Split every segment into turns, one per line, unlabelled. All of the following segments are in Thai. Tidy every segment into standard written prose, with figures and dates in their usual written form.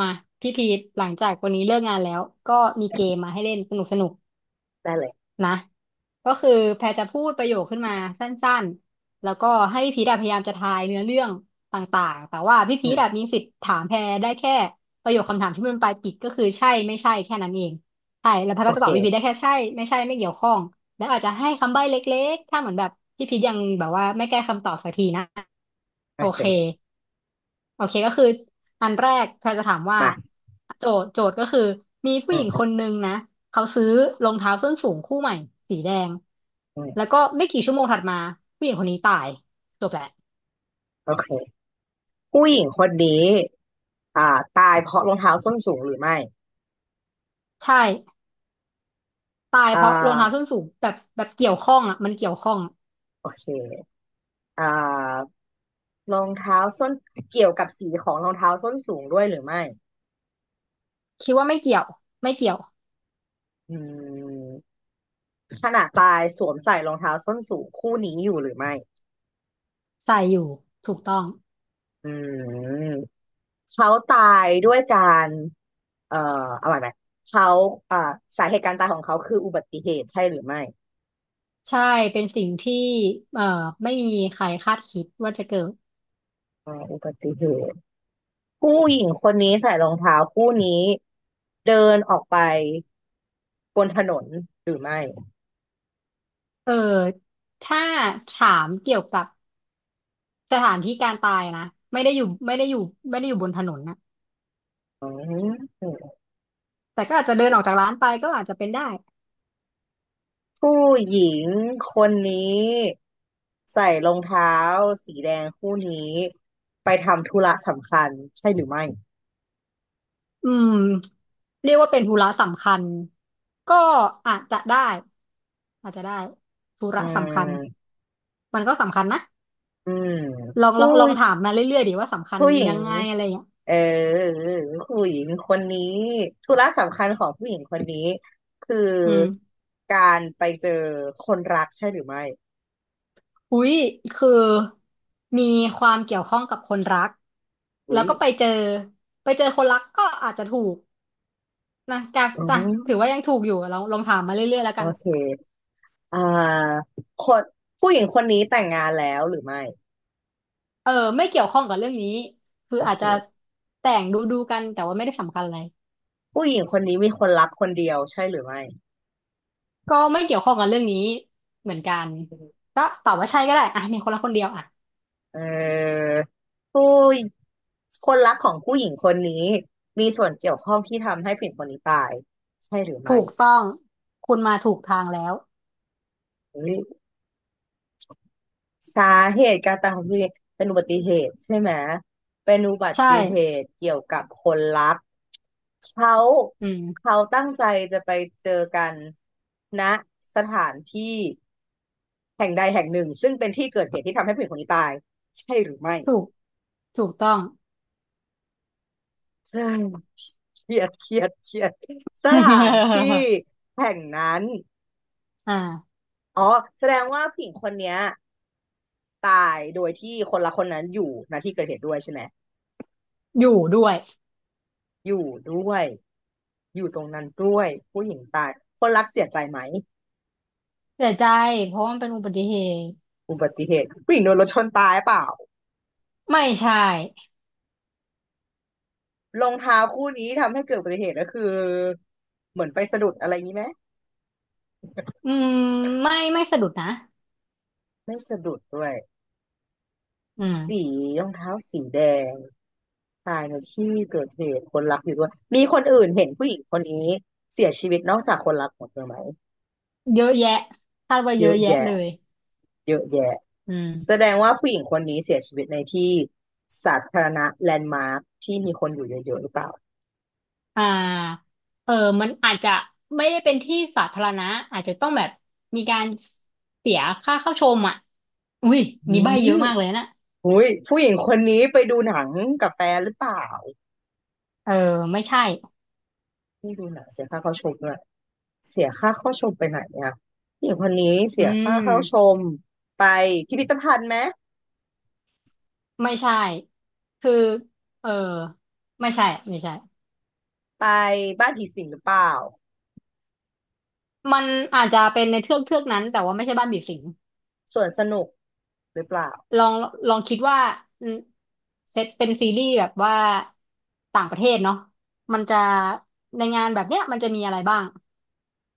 มาพี่พีทหลังจากวันนี้เลิกงานแล้วก็มีเกมมาให้เล่นสนุก
ได้เลย
นะก็คือแพรจะพูดประโยคขึ้นมาสั้นๆแล้วก็ให้พี่พีทพยายามจะทายเนื้อเรื่องต่างๆแต่ว่าพี่
อื
พีท
ม
มีสิทธิ์ถามแพรได้แค่ประโยคคำถามที่มันปลายปิดก็คือใช่ไม่ใช่แค่นั้นเองใช่แล้วแพร
โอ
ก็จะ
เค
ตอบพี่พีทได้แค่ใช่ไม่ใช่ไม่เกี่ยวข้องแล้วอาจจะให้คำใบ้เล็กๆถ้าเหมือนแบบพี่พีทยังแบบว่าไม่แก้คำตอบสักทีนะ
โอ
โอเค
เค
โอเคก็คืออันแรกแพรจะถามว่า
มา
โจทย์ก็คือมีผู้
อื
หญิ
ม
ง
อื
ค
ม
นนึงนะเขาซื้อรองเท้าส้นสูงคู่ใหม่สีแดง
อื
แล้
ม
วก็ไม่กี่ชั่วโมงถัดมาผู้หญิงคนนี้ตายจบแหละ
โอเคผู้หญิงคนนี้อ่าตายเพราะรองเท้าส้นสูงหรือไม่
ใช่ตาย
อ่
เพราะรองเท้าส้
า
นสูงแบบเกี่ยวข้องอ่ะมันเกี่ยวข้อง
โอเคอ่ารองเท้าส้นเกี่ยวกับสีของรองเท้าส้นสูงด้วยหรือไม่
คิดว่าไม่เกี่ยวไม่เกี่ยว
อืมขณะตายสวมใส่รองเท้าส้นสูงคู่นี้อยู่หรือไม่
ใส่อยู่ถูกต้อง
อืมเขาตายด้วยการเอ่อเอาใหม่ไหมเขาอ่าสาเหตุการตายของเขาคืออุบัติเหตุใช่หรือไม่
ใช่เป็นสิ่งที่เอ่อไม่มีใครคาดคิดว่าจะเกิด
อุบัติเหตุ ผู้หญิงคนนี้ใส่รองเท้าคู่นี้เดินออกไปบนถนนหรือไม่
เออถ้าถามเกี่ยวกับ สถานที่การตายนะไม่ได้อยู่ไม่ได้อยู่ไม่ได้อยู่บนถนนนะ
อืม
แต่ก็อาจจะเดินออกจากร้านไปก็อาจจะเป็นได้
ผู้หญิงคนนี้ใส่รองเท้าสีแดงคู่นี้ไปทำธุระสำคัญใช่หรือไม่
อืมเรียกว่าเป็นธุระสำคัญก็อาจจะได้อาจจะได้ธุ
อื
ระสำคัญ
ม
มันก็สำคัญนะ
อืม
ลองล
ผู้
องลองถามมาเรื่อยๆดีว่าสำคัญ
ผู้หญิ
ยั
ง
งไงอะไรอย่างเงี้ย
เออผู้หญิงคนนี้ธุระสำคัญของผู้หญิงคนนี้คือ
อืม
การไปเจอคนรักใช่หรือไม่
อุ้ยคือมีความเกี่ยวข้องกับคนรักแล้
อุ้ย
วก็ไปเจอคนรักก็อาจจะถูกนะการ
อื
จ้ะ
ม
ถือว่ายังถูกอยู่ลองถามมาเรื่อยๆแล้ว
โอ
กัน
เคอ่าคนผู้หญิงคนนี้แต่งงานแล้วหรือไม่
เออไม่เกี่ยวข้องกับเรื่องนี้คือ
โอ
อาจ
เค
จะแต่งดูกันแต่ว่าไม่ได้สำคัญอะไร
ผู้หญิงคนนี้มีคนรักคนเดียวใช่หรือไม่
ก็ไม่เกี่ยวข้องกับเรื่องนี้เหมือนกันก็ตอบว่าใช่ก็ได้อ่ะมีคนละคนเดียวอ่ะ
เอ่อผู้คนรักของผู้หญิงคนนี้มีส่วนเกี่ยวข้องที่ทำให้ผู้หญิงคนนี้ตายใช่หรือไม่
ถูกต้องคุณมาถูกทางแล้ว
เฮ้ย สาเหตุการตายของคุณเนี่ยเป็นอุบัติเหตุใช่ไหมเป็นอุบั
ใช่
ติเหตุเกี่ยวกับคนรักเขา
อืม
เขาตั้งใจจะไปเจอกันณสถานที่แห่งใดแห่งหนึ่งซึ่งเป็นที่เกิดเหตุที่ทำให้ผู้หญิงคนนี้ตายใช่หรือไม่
ถูกถูกต้อง
ใช่เครียดเครียดเครียดสถานที่ แห่งนั้น
อ่า
อ๋อแสดงว่าผู้หญิงคนเนี้ยตายโดยที่คนละคนนั้นอยู่ณที่เกิดเหตุด้วยใช่ไหม
อยู่ด้วย
อยู่ด้วย อยู่ตรงนั้นด้วยผู้หญิงตายคนรักเสียใจไหม
เสียใจเพราะว่ามันเป็นอุบัติเหตุ
อุบัติเหตุผู้หญิงโดนรถชนตายเปล่า
ไม่ใช่
รองเท้าคู่นี้ทำให้เกิดอุบัติเหตุก็คือเหมือนไปสะดุดอะไรนี้ไหม
อืมไม่ไม่สะดุดนะ
ไม่สะดุดด้วย
อืม
สีรองเท้าสีแดงตายในที่เกิดเหตุคนรักอยู่ด้วยมีคนอื่นเห็นผู้หญิงคนนี้เสียชีวิตนอกจากคนรักของเธอไหม
เยอะแยะคาดว่า
เย
เยอะ
อะ
แยะ
แยะ
เลย
เยอะแยะ
อืม
แสดงว่าผู้หญิงคนนี้เสียชีวิตในที่สาธารณะแลนด์มาร์คที่มีคนอยู่เยอะๆหรือเปล่า
อ่าเออมันอาจจะไม่ได้เป็นที่สาธารณะอาจจะต้องแบบมีการเสียค่าเข้าชมอ่ะอุ้ย
อื
นี่ใบ้เย
ม
อะมากเลยนะ
อุ้ยผู้หญิงคนนี้ไปดูหนังกับแฟนหรือเปล่า
เออไม่ใช่
ที่ดูหนังเสียค่าเข้าชมด้วยเสียค่าเข้าชมไปไหนเนี่ยผู้หญิงคนนี้
อื
เสียค่า
ม
เข้าชมไปพิพิธภัณฑ์ไหม
ไม่ใช่คือเออไม่ใช่ไม่ใช่
ไปบ้านผีสิงหรือเปล่า
มันอาจจะเป็นในเทือกนั้นแต่ว่าไม่ใช่บ้านผีสิง
สวนสนุกหรือเปล่า
ลองลองคิดว่าอืมเซตเป็นซีรีส์แบบว่าต่างประเทศเนาะมันจะในงานแบบเนี้ยมันจะมีอะไรบ้าง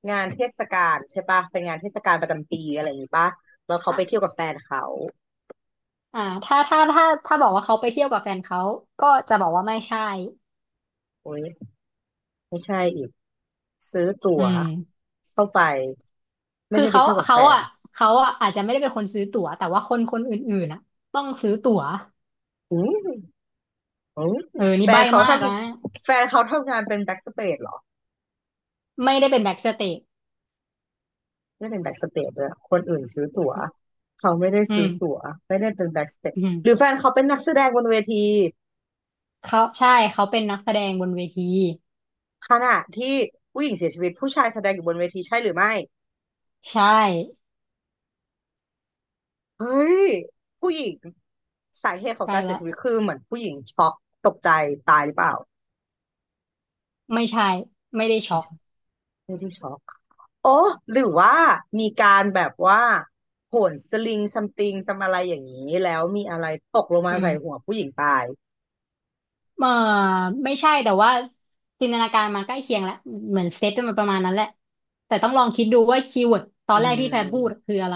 งานเทศกาลใช่ปะเป็นงานเทศกาลประจำปีอะไรอย่างงี้ปะแล้วเขาไปเที่ยวกับแฟนเขา
อ่าถ้าบอกว่าเขาไปเที่ยวกับแฟนเขาก็จะบอกว่าไม่ใช่
โอ้ยไม่ใช่อีกซื้อตั๋
อื
ว
ม
เข้าไปไม่
คือ
ได้ไป
เขา
เที่ยวกับแฟ
เขา
น
อ่ะเขาอ่ะอาจจะไม่ได้เป็นคนซื้อตั๋วแต่ว่าคนอื่นๆอ่ะต้องซื้อตั๋ว
อืม อืม
เออนี่
แฟน
ใบ้
เขา
มา
ท
กนะ
แฟนเขาทำงานเป็นแบ็กสเตจเหรอ
ไม่ได้เป็นแบ็กสเตจ
ไม่เป็นแบ็กสเตจเลยอะคนอื่นซื้อตั๋วเขาไม่ได้
อื
ซื้
ม
อตั๋วไม่ได้เป็นแบ็กสเตจ
อืม
หรือแฟนเขาเป็นนักแสดงบนเวที
เขาใช่เขาเป็นนักแสดงบนเวที
ขณะที่ผู้หญิงเสียชีวิตผู้ชายแสดงอยู่บนเวทีใช่หรือไม่
ใช่
เฮ้ยผู้หญิงสาเหตุของ
ใช้
การเสีย
ละ
ชีวิตคือเหมือนผู้หญิงช็อกตกใจตายหรือเปล่า
ไม่ใช่ไม่ได้ช็อก
ไม่ได้ช็อก โอ้หรือว่ามีการแบบว่าโหนสลิงซัมติงซัมอะไรอย่างนี้แล้วมีอะไรตกลงมา
อืม
ใส่หัวผู้หญิงตาย
เออไม่ใช่แต่ว่าจินตนาการมันใกล้เคียงแหละเหมือนเซตมันประมาณนั้นแหละแต่ต้องลองคิดดูว่าคีย์เวิร์ดตอ
อื
นแรกที่แพรพูด
ม
คืออะไร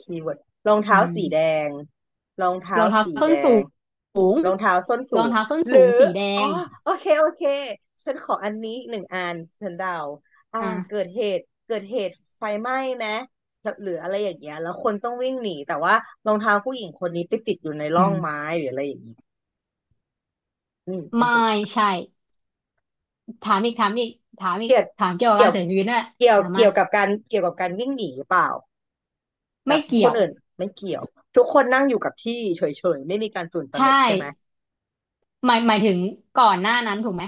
คีย์เวิร์ดรอง
อื
เท้า
ม
สีแดงรองเท้า
รองเท้า
สี
ส้
แด
นสู
ง
ง
รองเท้าส้น
ร
สู
อง
ง
เท้าส้น
ห
สู
รื
ง
อ
สีแด
อ๋อ
ง
โอเคโอเคฉันขออันนี้หนึ่งอันฉันเดาอ่า
อ่า
เกิดเหตุไฟไหม้ไหมหรืออะไรอย่างเงี้ยแล้วคนต้องวิ่งหนีแต่ว่ารองเท้าผู้หญิงคนนี้ไปติดอยู่ใน
อื
ร่อง
ม
ไม้หรืออะไรอย่างงี้เป็น
ไม่
ตัว
ใช่ถามอีกถามอีกถามอีก
เกี่ยว
ถามเกี่ยวกับ
เกี่
กา
ย
ร
ว
เสียชีวิตน่นแหละ
เกี่ยว
ถามมา
เกี่ยวกับการเกี่ยวกับการวิ่งหนีหรือเปล่าแบ
ไม่
บค
เกี่ย
น
ว
อื่นไม่เกี่ยวทุกคนนั่งอยู่กับที่เฉยๆไม่มีการตื่นตระห
ใช่
นกใช่ไหม
หมายถึงก่อนหน้านั้นถูกไหม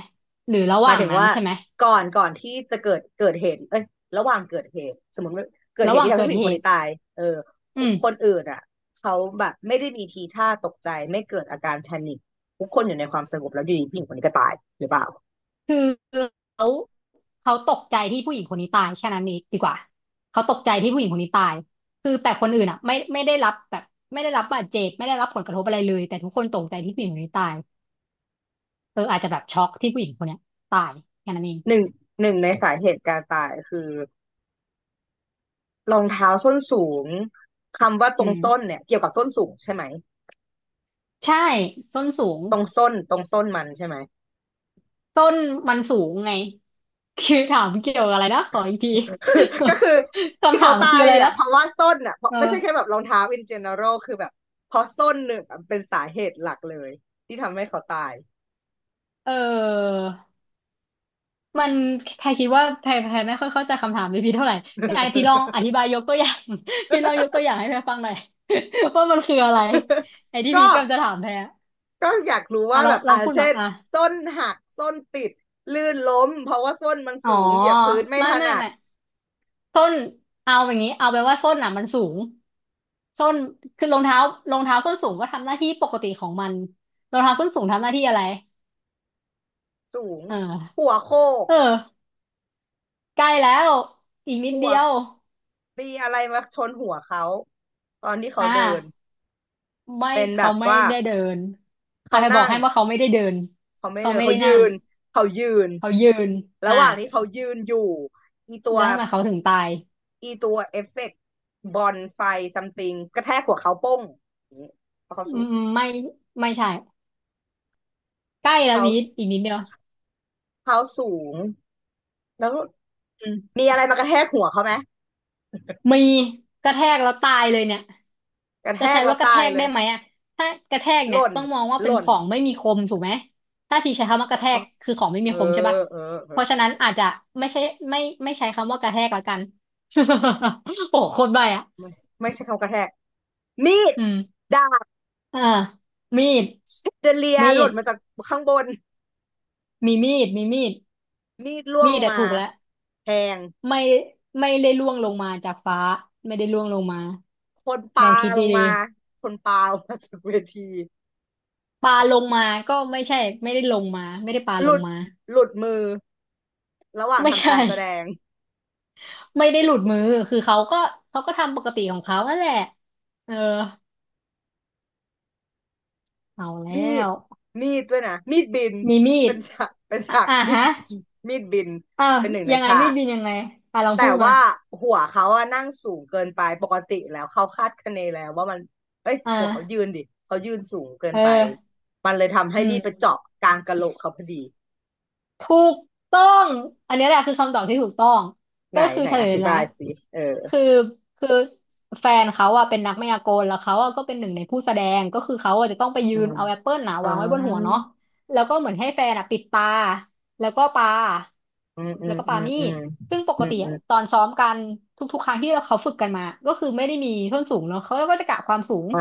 หรือระห
หมาย
ว่าง
ถึง
นั้น
ว่า
ใช่ไหม
ก่อนที่จะเกิดเหตุเอ้ยระหว่างเกิดเหตุสมมติว่าเกิดเห
ระห
ตุ
ว่า
ที่
ง
ทำให้
เกิด
ผู้หญิง
เห
คนนี้
ตุ
ตายเออค
อื
น
ม
คนอื่นอ่ะเขาแบบไม่ได้มีทีท่าตกใจไม่เกิดอาการแพนิคทุกคนอยู่ในความสงบแล้วอยู่ดีผู้หญิงคนนี้ก็ตายหรือเปล่า
คือเขา เขาตกใจที่ผู้หญิงคนนี้ตายแค่นั้นเองดีกว่าเขาตกใจที่ผู้หญิงคนนี้ตายคือแต่คนอื่นอ่ะไม่ไม่ได้รับแบบไม่ได้รับบาดเจ็บไม่ได้รับผลกระทบอะไรเลยแต่ทุกคนตกใจที่ผู้หญิงคนนี้ตายเอออาจจะแบบช็อกที่ผู้หญิงคนเนี้ยตายแค่นั้นเอง
หนึ่งหนึ่งในสาเหตุการตายคือ รองเท้าส้นสูงคำว่าต
อื
รง
ม
ส้นเนี่ยเกี่ยวกับส้นสูงใช่ไหม
ใช่ส้นสูง
ตรงส้นมันใช่ไหม
ต้นมันสูงไงคือถามเกี่ยวกับอะไรนะขออีกที
ก็คือ ที่
คำถา
เขา
ม
ตา
คือ
ย
อะไร
เนี่ย
นะ
เพราะว่าส้นอ่ะเพราะ
เออ
ไม่ใช่แค่แบบรองเท้า in general คือแบบเพราะส้นหนึ่งเป็นสาเหตุหลักเลยที่ทำให้เขาตาย
เออ มันแพรคิดว่าแพรไม่ค่อยเข้าใจคำถามพี่พีเท่าไหร่พี่ไอพี่ลองอธิบายยกตัวอย่าง พี่ลองยกตัวอย่างให้แพรฟังหน่อย ว่ามันคืออะไรไอที่
ก็
พี่กำลังจะถามแพรอะ
ก็อยากรู้
อ่ะ
ว่า
ลอ
แบ
ง
บ
ลองพูดมา
เช่น
อ่ะ
ส้นส้นติดลื่นล้มเพราะว่าส้นมัน
อ๋อ
สูงเหยียบพื้นไม่
ไม่
ถ
ไม่
นัด
ไม่ส้นเอาอย่างนี้เอาแปลว่าส้นน่ะมันสูงส้นคือรองเท้ารองเท้าส้นสูงก็ทำหน้าที่ปกติของมันรองเท้าส้นสูงทำหน้าที่อะไร
สูง
เออ
หัวโขก
เออใกล้แล้วอีก
ข
นิดเดี
ว
ย
บ
ว
ตีอะไรมาชนหัวเขาตอนที่เขา
อ่า
เดิน
ไม่
เป็นแบ
เขา
บ
ไม่
ว่า
ได้เดินอ่ะ
เขา
ไปบอก
นั่ง
ให้ว่าเขาไม่ได้เดิน
เขาไม่
เขา
เดิน
ไม่
เขา
ได้นั่
ยื
ง
นเขายืน
เขายืน
ระ
อ่ะ
หว่างที่เขายืนอยู่อีตัว
แล้วทำไมเขาถึงตาย
อีตัวเอฟเฟกต์บอลไฟซัมติงกระแทกหัวเขาโป้งอย่างนี้เพราะเขา
อื
สูง
มไม่ไม่ใช่ใกล้แล้ว
เขา
พีทอีกนิดเดียว
เขาสูงแล้ว
อืม
มีอะไรมากระแทกหัวเขาไหม
มีกระแทกแล้วตายเลยเนี่ย
กระแท
จะใช้
กแล้ว
ว่ากระแท
ตาย
ก
เล
ได้
ย
ไหมอ่ะถ้ากระแทก
ห
เนี่ย
ล่น
ต้องมองว่า
ห
เป็น
ล่
ข
น
องไม่มีคมถูกไหมถ้าทีใช้คำว่ากระแทกคือของไม่
เอ
มี
อ
คมใช่ปะ
เออเออ
เพราะฉะนั้นอาจจะไม่ใช่ไม่ไม่ใช้คำว่ากระแทกแล้วกัน โอ้โหโคตรใบ้อ่ะ
ไม่ไม่ใช่คำกระแทกมีด
อืม
ดาบ
อ่ามีด
แชเดเลีย
มี
หล่
ด
นมาจากข้างบน
มีมีด
มีดร่วง
มี
ล
ด
ง
อะ
มา
ถูกแล้ว
แทง
ไม่ไม่ได้ล่วงลงมาจากฟ้าไม่ได้ล่วงลงมา
คน
ล
ปา
องคิด
ล
ดี
งมาคนปาลงมาจากเวที
ๆปลาลงมาก็ไม่ใช่ไม่ได้ลงมาไม่ได้ปลา
ห
ล
ลุ
ง
ด
มา
หลุดมือระหว่าง
ไม่
ทำ
ใช่
การแสดง
ไม่ได้หลุด มือคือเขาก็เขาก็ทำปกติของเขานั่นแหละเออเอาแล้
มีด
ว
มีดด้วยนะมีดบิน
มีมีด
เป็น
อ่ะ
ฉาก
อ่ะ
มีด
ฮะ
มีดบิน
อ้าว
เป็นหนึ่งใน
ยังไง
ฉา
มีด
ก
บินยังไงอ่ะลองพู
แต่
ดมา
ว่าหัวเขาอะนั่งสูงเกินไปปกติแล้วเขาคาดคะเนแล้วว่ามันเอ้ย
อ่
หัวเขายื
า
นดิเขายืนสูงเกิน
เอ
ไป
อ
มันเลยทำให้
อื
มีดไป
ม
เจาะกลางกะโหลกเขาพอดี
ถูกต้อง อันนี้แหละคือคำตอบที่ถูกต้อง
ไหน
ก็คือ
ไหน
เฉ
อ
ลย
ธิ
นะ
บายสิเออ
คือคือแฟนเขาอะเป็นนักมายากลแล้วเขาอะก็เป็นหนึ่งในผู้แสดงก็คือเขาอะจะต้องไปยื
อื
น
ม
เอาแอปเปิลหนา
อ๋อ
วางไว้บนหัวเนาะแล้วก็เหมือนให้แฟนอะปิดตาแล้วก็ปา
อืมอื
แล้ว
ม
ก็
อื
ปา
ม
มี
อื
ด
ม
ซึ่งป
อื
ก
ม
ติ
อื
อะ
ม
ตอนซ้อมกันทุกๆครั้งที่เราเขาฝึกกันมา ก็คือไม่ได้มีส้นสูงเนาะเขาก็จะกะความสูง
อ่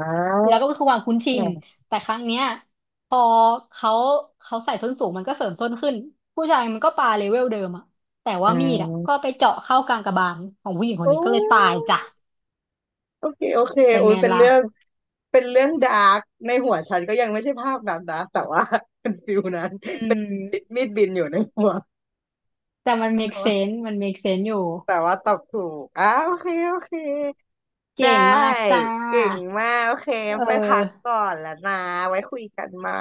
า
แล้วก็คือความคุ้นชินแต่ครั้งเนี้ย พอเขาเขาใส่ส้นสูงมันก็เสริมส้นขึ้นผู้ชายมันก็ปาเลเวลเดิมอะแต่
อื
ว่ามีดอะก็
ม
ไปเจาะเข้ากลางกระบาลของผู้หญิงคน
โอ้
นี้ก็เลยตายจ้ะ
ยโอเคโอเค
เป็น
โอ้ย
ไง
เป็น
ล่ะ
เรื่องเป็นเรื่องดาร์กในหัวฉันก็ยังไม่ใช่ภาพนั้นนะแต่ว่า เป็นฟิลนั้น
อื
เป็น
ม
มีดบินอยู่ในหัว
แต่มัน
แต่
make
ว่า
sense มัน make sense อยู่
ตอบถูกอ้าโอเคโอเค
เก่
ได้
งมากจ้า
เก่งมากโอเค
เ
ไปพัก
ออ
ก่อนแล้วนะไว้คุยกันใหม่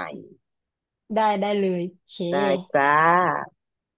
ได้ได้เลยโอเค
ได้จ้า